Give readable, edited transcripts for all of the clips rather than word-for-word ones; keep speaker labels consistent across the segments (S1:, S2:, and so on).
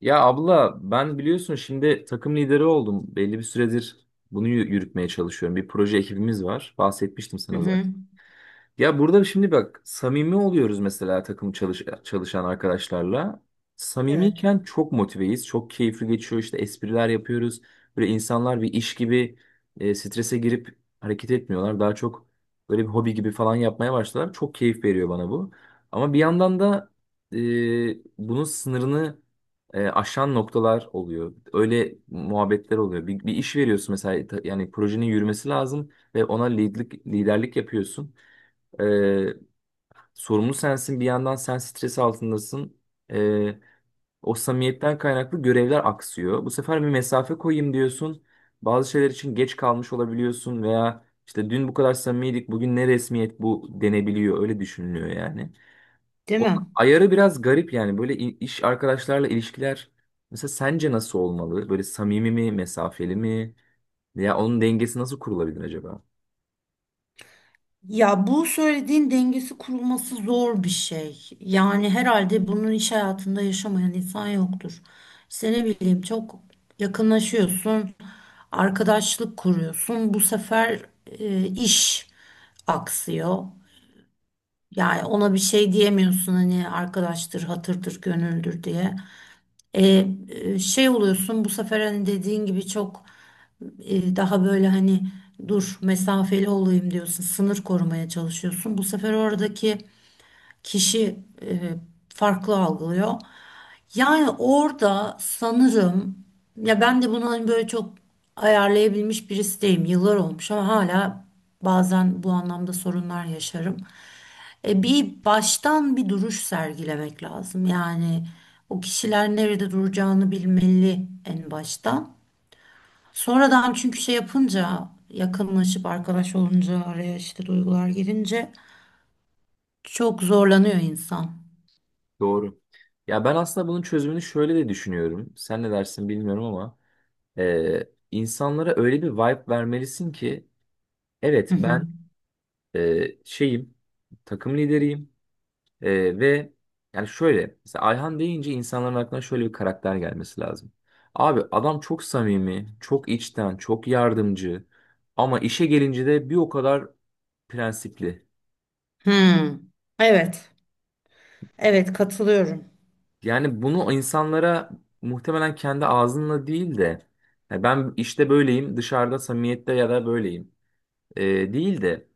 S1: Ya abla ben biliyorsun şimdi takım lideri oldum. Belli bir süredir bunu yürütmeye çalışıyorum. Bir proje ekibimiz var. Bahsetmiştim
S2: Hı
S1: sana
S2: hı.
S1: zaten. Ya burada şimdi bak samimi oluyoruz mesela takım çalışan arkadaşlarla.
S2: Evet.
S1: Samimiyken çok motiveyiz. Çok keyifli geçiyor. İşte espriler yapıyoruz. Böyle insanlar bir iş gibi strese girip hareket etmiyorlar. Daha çok böyle bir hobi gibi falan yapmaya başladılar. Çok keyif veriyor bana bu. Ama bir yandan da e, bunun sınırını aşan noktalar oluyor. Öyle muhabbetler oluyor. Bir iş veriyorsun mesela yani projenin yürümesi lazım ve ona liderlik yapıyorsun. Ee, Sorumlu sensin, bir yandan sen stres altındasın. Ee, O samimiyetten kaynaklı görevler aksıyor. Bu sefer bir mesafe koyayım diyorsun. Bazı şeyler için geç kalmış olabiliyorsun veya işte dün bu kadar samimiydik bugün ne resmiyet bu denebiliyor, öyle düşünülüyor yani.
S2: Değil mi?
S1: Onun ayarı biraz garip yani, böyle iş arkadaşlarla ilişkiler mesela sence nasıl olmalı? Böyle samimi mi, mesafeli mi, veya onun dengesi nasıl kurulabilir acaba?
S2: Ya bu söylediğin dengesi kurulması zor bir şey. Yani herhalde bunun iş hayatında yaşamayan insan yoktur. İşte ne bileyim çok yakınlaşıyorsun, arkadaşlık kuruyorsun. Bu sefer iş aksıyor. Yani ona bir şey diyemiyorsun hani arkadaştır, hatırdır, gönüldür diye. Şey oluyorsun bu sefer hani dediğin gibi çok daha böyle hani dur mesafeli olayım diyorsun sınır korumaya çalışıyorsun bu sefer oradaki kişi e, farklı algılıyor yani orada sanırım ya ben de bunu hani böyle çok ayarlayabilmiş birisi değilim yıllar olmuş ama hala bazen bu anlamda sorunlar yaşarım. Bir baştan bir duruş sergilemek lazım. Yani o kişiler nerede duracağını bilmeli en baştan. Sonradan çünkü şey yapınca yakınlaşıp arkadaş olunca araya işte duygular girince çok zorlanıyor insan.
S1: Doğru. Ya ben aslında bunun çözümünü şöyle de düşünüyorum. Sen ne dersin bilmiyorum ama insanlara öyle bir vibe vermelisin ki evet
S2: Hı hı.
S1: ben şeyim, takım lideriyim ve yani şöyle mesela Ayhan deyince insanların aklına şöyle bir karakter gelmesi lazım. Abi adam çok samimi, çok içten, çok yardımcı ama işe gelince de bir o kadar prensipli.
S2: Hı. Evet. Evet, katılıyorum.
S1: Yani bunu insanlara muhtemelen kendi ağzınla değil de, "Ya ben işte böyleyim dışarıda samimiyette ya da böyleyim değil de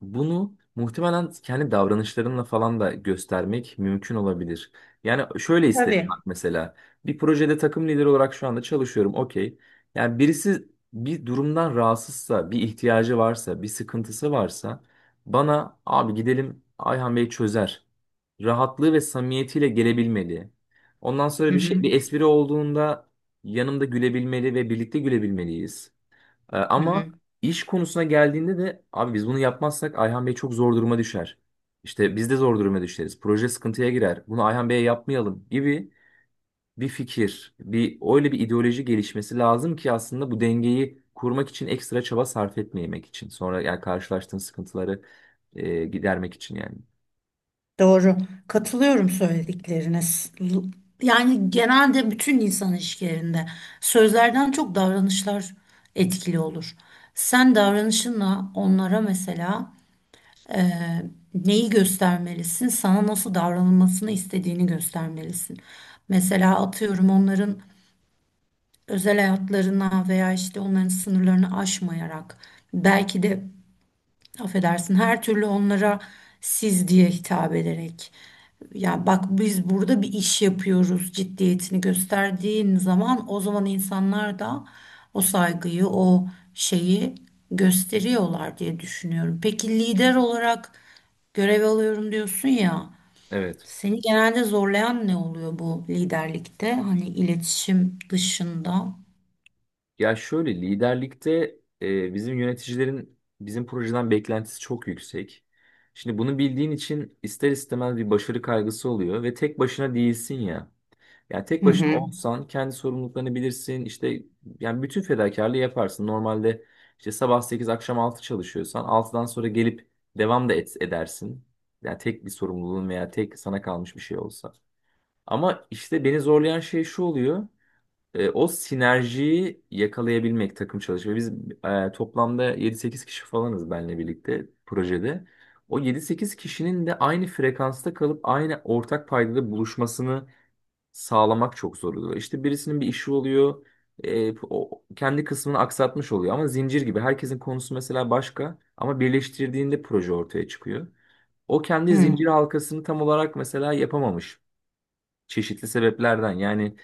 S1: bunu muhtemelen kendi davranışlarınla falan da göstermek mümkün olabilir. Yani şöyle isterim
S2: Tabii.
S1: bak mesela. Bir projede takım lideri olarak şu anda çalışıyorum. Okey. Yani birisi bir durumdan rahatsızsa, bir ihtiyacı varsa, bir sıkıntısı varsa bana abi gidelim Ayhan Bey çözer. Rahatlığı ve samimiyetiyle gelebilmeli. Ondan
S2: Hı
S1: sonra bir şey,
S2: hı.
S1: bir espri olduğunda yanımda gülebilmeli ve birlikte gülebilmeliyiz.
S2: Hı hı.
S1: Ama iş konusuna geldiğinde de abi biz bunu yapmazsak Ayhan Bey çok zor duruma düşer. İşte biz de zor duruma düşeriz. Proje sıkıntıya girer. Bunu Ayhan Bey'e yapmayalım gibi bir fikir, bir öyle bir ideoloji gelişmesi lazım ki aslında bu dengeyi kurmak için ekstra çaba sarf etmemek için. Sonra yani karşılaştığın sıkıntıları gidermek için yani.
S2: Doğru. Katılıyorum söyledikleriniz. Yani genelde bütün insan ilişkilerinde sözlerden çok davranışlar etkili olur. Sen davranışınla onlara mesela neyi göstermelisin, sana nasıl davranılmasını istediğini göstermelisin. Mesela atıyorum onların özel hayatlarına veya işte onların sınırlarını aşmayarak belki de affedersin her türlü onlara siz diye hitap ederek ya bak biz burada bir iş yapıyoruz ciddiyetini gösterdiğin zaman o zaman insanlar da o saygıyı o şeyi gösteriyorlar diye düşünüyorum. Peki lider olarak görev alıyorum diyorsun ya
S1: Evet.
S2: seni genelde zorlayan ne oluyor bu liderlikte hani iletişim dışında?
S1: Ya şöyle liderlikte bizim yöneticilerin bizim projeden beklentisi çok yüksek. Şimdi bunu bildiğin için ister istemez bir başarı kaygısı oluyor ve tek başına değilsin ya. Yani tek
S2: Hı
S1: başına
S2: hı.
S1: olsan kendi sorumluluklarını bilirsin işte, yani bütün fedakarlığı yaparsın. Normalde işte sabah 8 akşam 6 çalışıyorsan altıdan sonra gelip devam edersin. Yani tek bir sorumluluğun veya tek sana kalmış bir şey olsa. Ama işte beni zorlayan şey şu oluyor. O sinerjiyi yakalayabilmek, takım çalışma. Biz toplamda yedi sekiz kişi falanız benle birlikte projede. O yedi sekiz kişinin de aynı frekansta kalıp aynı ortak paydada buluşmasını sağlamak çok zor oluyor. İşte birisinin bir işi oluyor. O kendi kısmını aksatmış oluyor ama zincir gibi. Herkesin konusu mesela başka ama birleştirdiğinde proje ortaya çıkıyor. O kendi
S2: Hı
S1: zincir halkasını tam olarak mesela yapamamış çeşitli sebeplerden, yani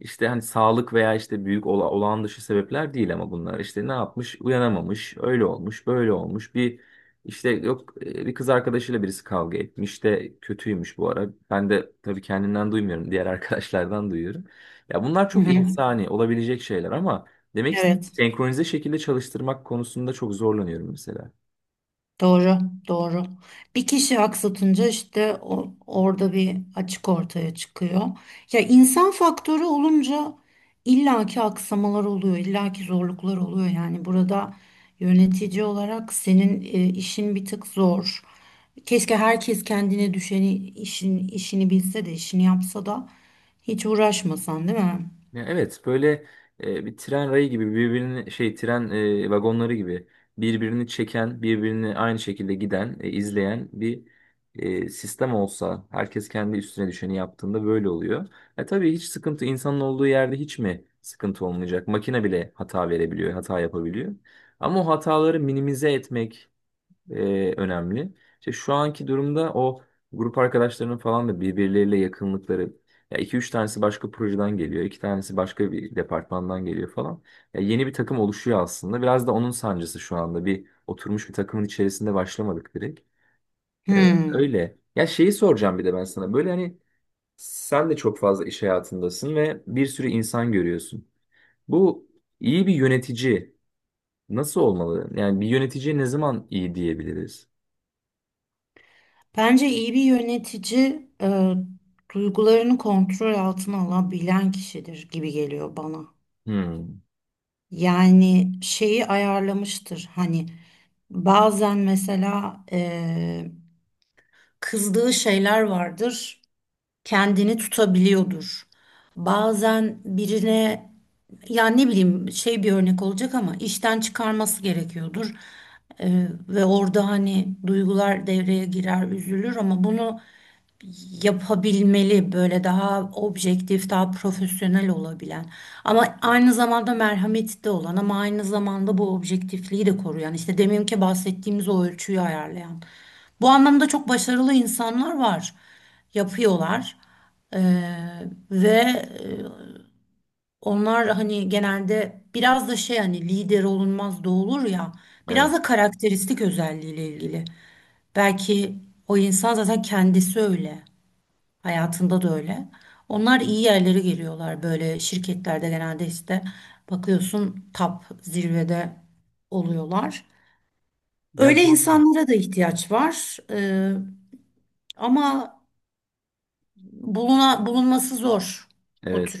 S1: işte hani sağlık veya işte büyük olağan dışı sebepler değil ama bunlar işte ne yapmış, uyanamamış, öyle olmuş böyle olmuş, bir işte yok bir kız arkadaşıyla birisi kavga etmiş de kötüymüş bu ara, ben de tabii kendimden duymuyorum diğer arkadaşlardan duyuyorum. Ya bunlar
S2: hı.
S1: çok
S2: Hı.
S1: insani olabilecek şeyler ama demek istediğim
S2: Evet.
S1: senkronize şekilde çalıştırmak konusunda çok zorlanıyorum mesela.
S2: Doğru, doğru. Bir kişi aksatınca işte orada bir açık ortaya çıkıyor. Ya insan faktörü olunca illaki aksamalar oluyor, illaki zorluklar oluyor. Yani burada yönetici olarak senin işin bir tık zor. Keşke herkes kendine düşeni işin işini bilse de işini yapsa da hiç uğraşmasan, değil mi?
S1: Ya evet, böyle bir tren rayı gibi birbirini şey, tren vagonları gibi birbirini çeken, birbirini aynı şekilde giden izleyen bir sistem olsa, herkes kendi üstüne düşeni yaptığında böyle oluyor. E tabii hiç sıkıntı, insanın olduğu yerde hiç mi sıkıntı olmayacak? Makine bile hata verebiliyor, hata yapabiliyor. Ama o hataları minimize etmek önemli. İşte şu anki durumda o grup arkadaşlarının falan da birbirleriyle yakınlıkları. Ya iki üç tanesi başka projeden geliyor, iki tanesi başka bir departmandan geliyor falan. Ya yeni bir takım oluşuyor aslında. Biraz da onun sancısı şu anda. Bir oturmuş bir takımın içerisinde başlamadık direkt. E,
S2: Hmm.
S1: Öyle. Ya şeyi soracağım bir de ben sana. Böyle hani sen de çok fazla iş hayatındasın ve bir sürü insan görüyorsun. Bu iyi bir yönetici nasıl olmalı? Yani bir yöneticiye ne zaman iyi diyebiliriz?
S2: Bence iyi bir yönetici, duygularını kontrol altına alabilen kişidir gibi geliyor bana.
S1: Hmm.
S2: Yani şeyi ayarlamıştır. Hani bazen mesela kızdığı şeyler vardır, kendini tutabiliyordur. Bazen birine ya ne bileyim şey bir örnek olacak ama işten çıkarması gerekiyordur. Ve orada hani duygular devreye girer, üzülür ama bunu yapabilmeli böyle daha objektif, daha profesyonel olabilen ama aynı zamanda merhametli de olan ama aynı zamanda bu objektifliği de koruyan işte deminki bahsettiğimiz o ölçüyü ayarlayan. Bu anlamda çok başarılı insanlar var. Yapıyorlar. Ee, ve , onlar hani genelde biraz da şey hani lider olunmaz da olur ya
S1: Evet.
S2: biraz da karakteristik özelliğiyle ilgili. Belki o insan zaten kendisi öyle. Hayatında da öyle. Onlar iyi yerlere geliyorlar böyle şirketlerde genelde işte bakıyorsun tap zirvede oluyorlar.
S1: Ya
S2: Öyle
S1: doğru.
S2: insanlara da ihtiyaç var. Ama bulunması zor o
S1: Evet.
S2: tür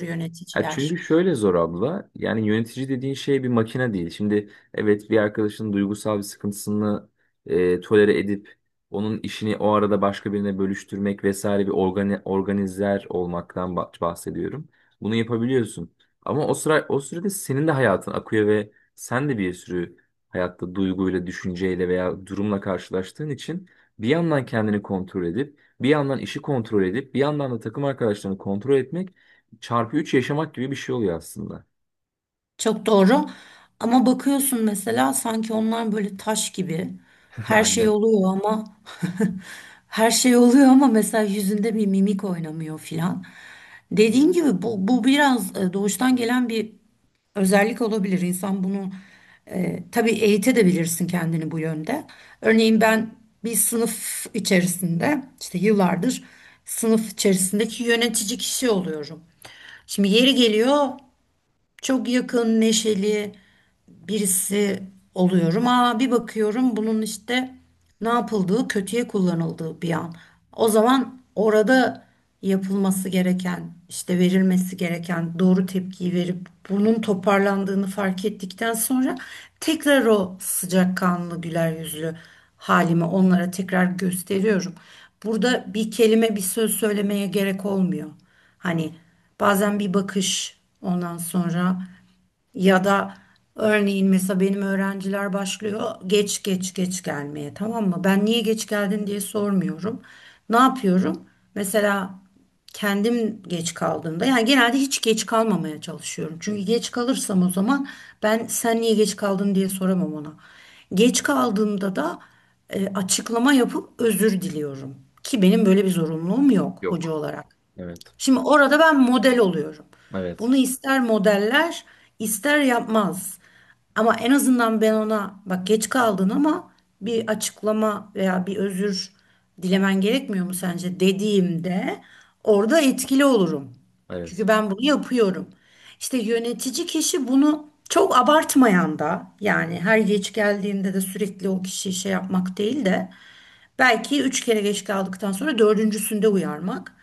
S1: Ya
S2: yöneticiler.
S1: çünkü şöyle zor abla. Yani yönetici dediğin şey bir makine değil. Şimdi evet, bir arkadaşın duygusal bir sıkıntısını tolere edip onun işini o arada başka birine bölüştürmek vesaire, bir organizer olmaktan bahsediyorum. Bunu yapabiliyorsun. Ama o sıra, o sürede senin de hayatın akıyor ve sen de bir sürü hayatta duyguyla, düşünceyle veya durumla karşılaştığın için bir yandan kendini kontrol edip, bir yandan işi kontrol edip, bir yandan da takım arkadaşlarını kontrol etmek çarpı 3 yaşamak gibi bir şey oluyor aslında.
S2: Çok doğru. Ama bakıyorsun mesela sanki onlar böyle taş gibi. Her şey
S1: Aynen.
S2: oluyor ama her şey oluyor ama mesela yüzünde bir mimik oynamıyor filan. Dediğin gibi bu biraz doğuştan gelen bir özellik olabilir. İnsan bunu, tabii eğitebilirsin kendini bu yönde. Örneğin ben bir sınıf içerisinde işte yıllardır sınıf içerisindeki yönetici kişi oluyorum. Şimdi yeri geliyor çok yakın, neşeli birisi oluyorum. Aa bir bakıyorum bunun işte ne yapıldığı, kötüye kullanıldığı bir an. O zaman orada yapılması gereken, işte verilmesi gereken doğru tepkiyi verip bunun toparlandığını fark ettikten sonra tekrar o sıcakkanlı, güler yüzlü halimi onlara tekrar gösteriyorum. Burada bir kelime, bir söz söylemeye gerek olmuyor. Hani bazen bir bakış ondan sonra ya da örneğin mesela benim öğrenciler başlıyor geç gelmeye, tamam mı? Ben niye geç geldin diye sormuyorum. Ne yapıyorum? Mesela kendim geç kaldığımda yani genelde hiç geç kalmamaya çalışıyorum. Çünkü geç kalırsam o zaman ben sen niye geç kaldın diye soramam ona. Geç kaldığımda da açıklama yapıp özür diliyorum. Ki benim böyle bir zorunluluğum yok hoca
S1: Yok.
S2: olarak.
S1: Evet.
S2: Şimdi orada ben model oluyorum.
S1: Evet.
S2: Bunu ister modeller, ister yapmaz. Ama en azından ben ona bak geç kaldın ama bir açıklama veya bir özür dilemen gerekmiyor mu sence dediğimde orada etkili olurum.
S1: Evet.
S2: Çünkü ben bunu yapıyorum. İşte yönetici kişi bunu çok abartmayan da yani her geç geldiğinde de sürekli o kişiyi şey yapmak değil de belki üç kere geç kaldıktan sonra dördüncüsünde uyarmak.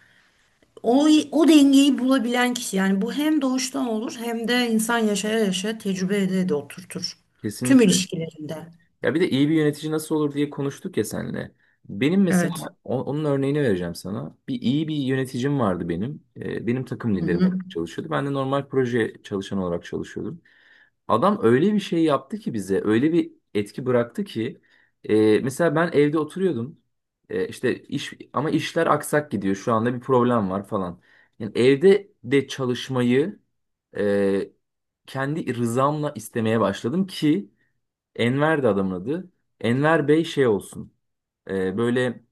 S2: O dengeyi bulabilen kişi yani bu hem doğuştan olur hem de insan yaşaya yaşa tecrübe ede de oturtur. Tüm
S1: Kesinlikle.
S2: ilişkilerinde.
S1: Ya bir de iyi bir yönetici nasıl olur diye konuştuk ya seninle. Benim mesela
S2: Evet.
S1: onun örneğini vereceğim sana. Bir iyi bir yöneticim vardı benim. Benim takım
S2: Hı
S1: liderim
S2: hı.
S1: olarak çalışıyordu. Ben de normal proje çalışan olarak çalışıyordum. Adam öyle bir şey yaptı ki bize, öyle bir etki bıraktı ki mesela ben evde oturuyordum. E, işte iş, ama işler aksak gidiyor. Şu anda bir problem var falan. Yani evde de çalışmayı e, kendi rızamla istemeye başladım ki Enver de adamın adı. Enver Bey şey olsun. Böyle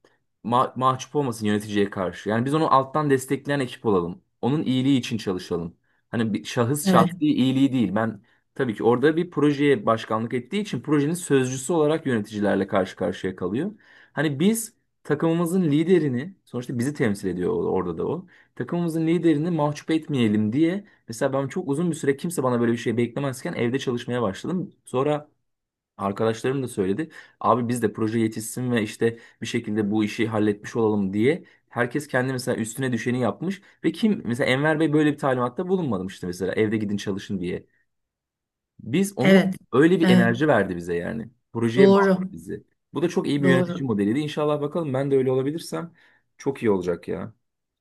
S1: mahcup olmasın yöneticiye karşı. Yani biz onu alttan destekleyen ekip olalım. Onun iyiliği için çalışalım. Hani bir
S2: Evet.
S1: şahsi iyiliği değil. Ben tabii ki orada bir projeye başkanlık ettiği için projenin sözcüsü olarak yöneticilerle karşı karşıya kalıyor. Hani biz, takımımızın liderini, sonuçta bizi temsil ediyor orada da o. Takımımızın liderini mahcup etmeyelim diye mesela ben çok uzun bir süre kimse bana böyle bir şey beklemezken evde çalışmaya başladım. Sonra arkadaşlarım da söyledi. Abi biz de proje yetişsin ve işte bir şekilde bu işi halletmiş olalım diye. Herkes kendi mesela üstüne düşeni yapmış ve kim mesela Enver Bey böyle bir talimatta bulunmadım işte mesela evde gidin çalışın diye. Biz onu,
S2: Evet.
S1: öyle bir
S2: Evet.
S1: enerji verdi bize yani. Projeye bağladı
S2: Doğru.
S1: bizi. Bu da çok iyi bir yönetici
S2: Doğru.
S1: modeliydi. İnşallah bakalım, ben de öyle olabilirsem çok iyi olacak ya.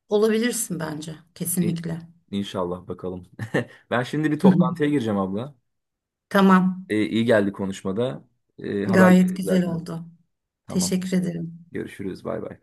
S2: Olabilirsin bence.
S1: İ-
S2: Kesinlikle.
S1: İnşallah bakalım. Ben şimdi bir
S2: Hı hı.
S1: toplantıya gireceğim abla.
S2: Tamam.
S1: İyi geldi konuşmada.
S2: Gayet
S1: Haberleşiriz
S2: güzel
S1: zaten.
S2: oldu.
S1: Tamam.
S2: Teşekkür ederim.
S1: Görüşürüz. Bay bay.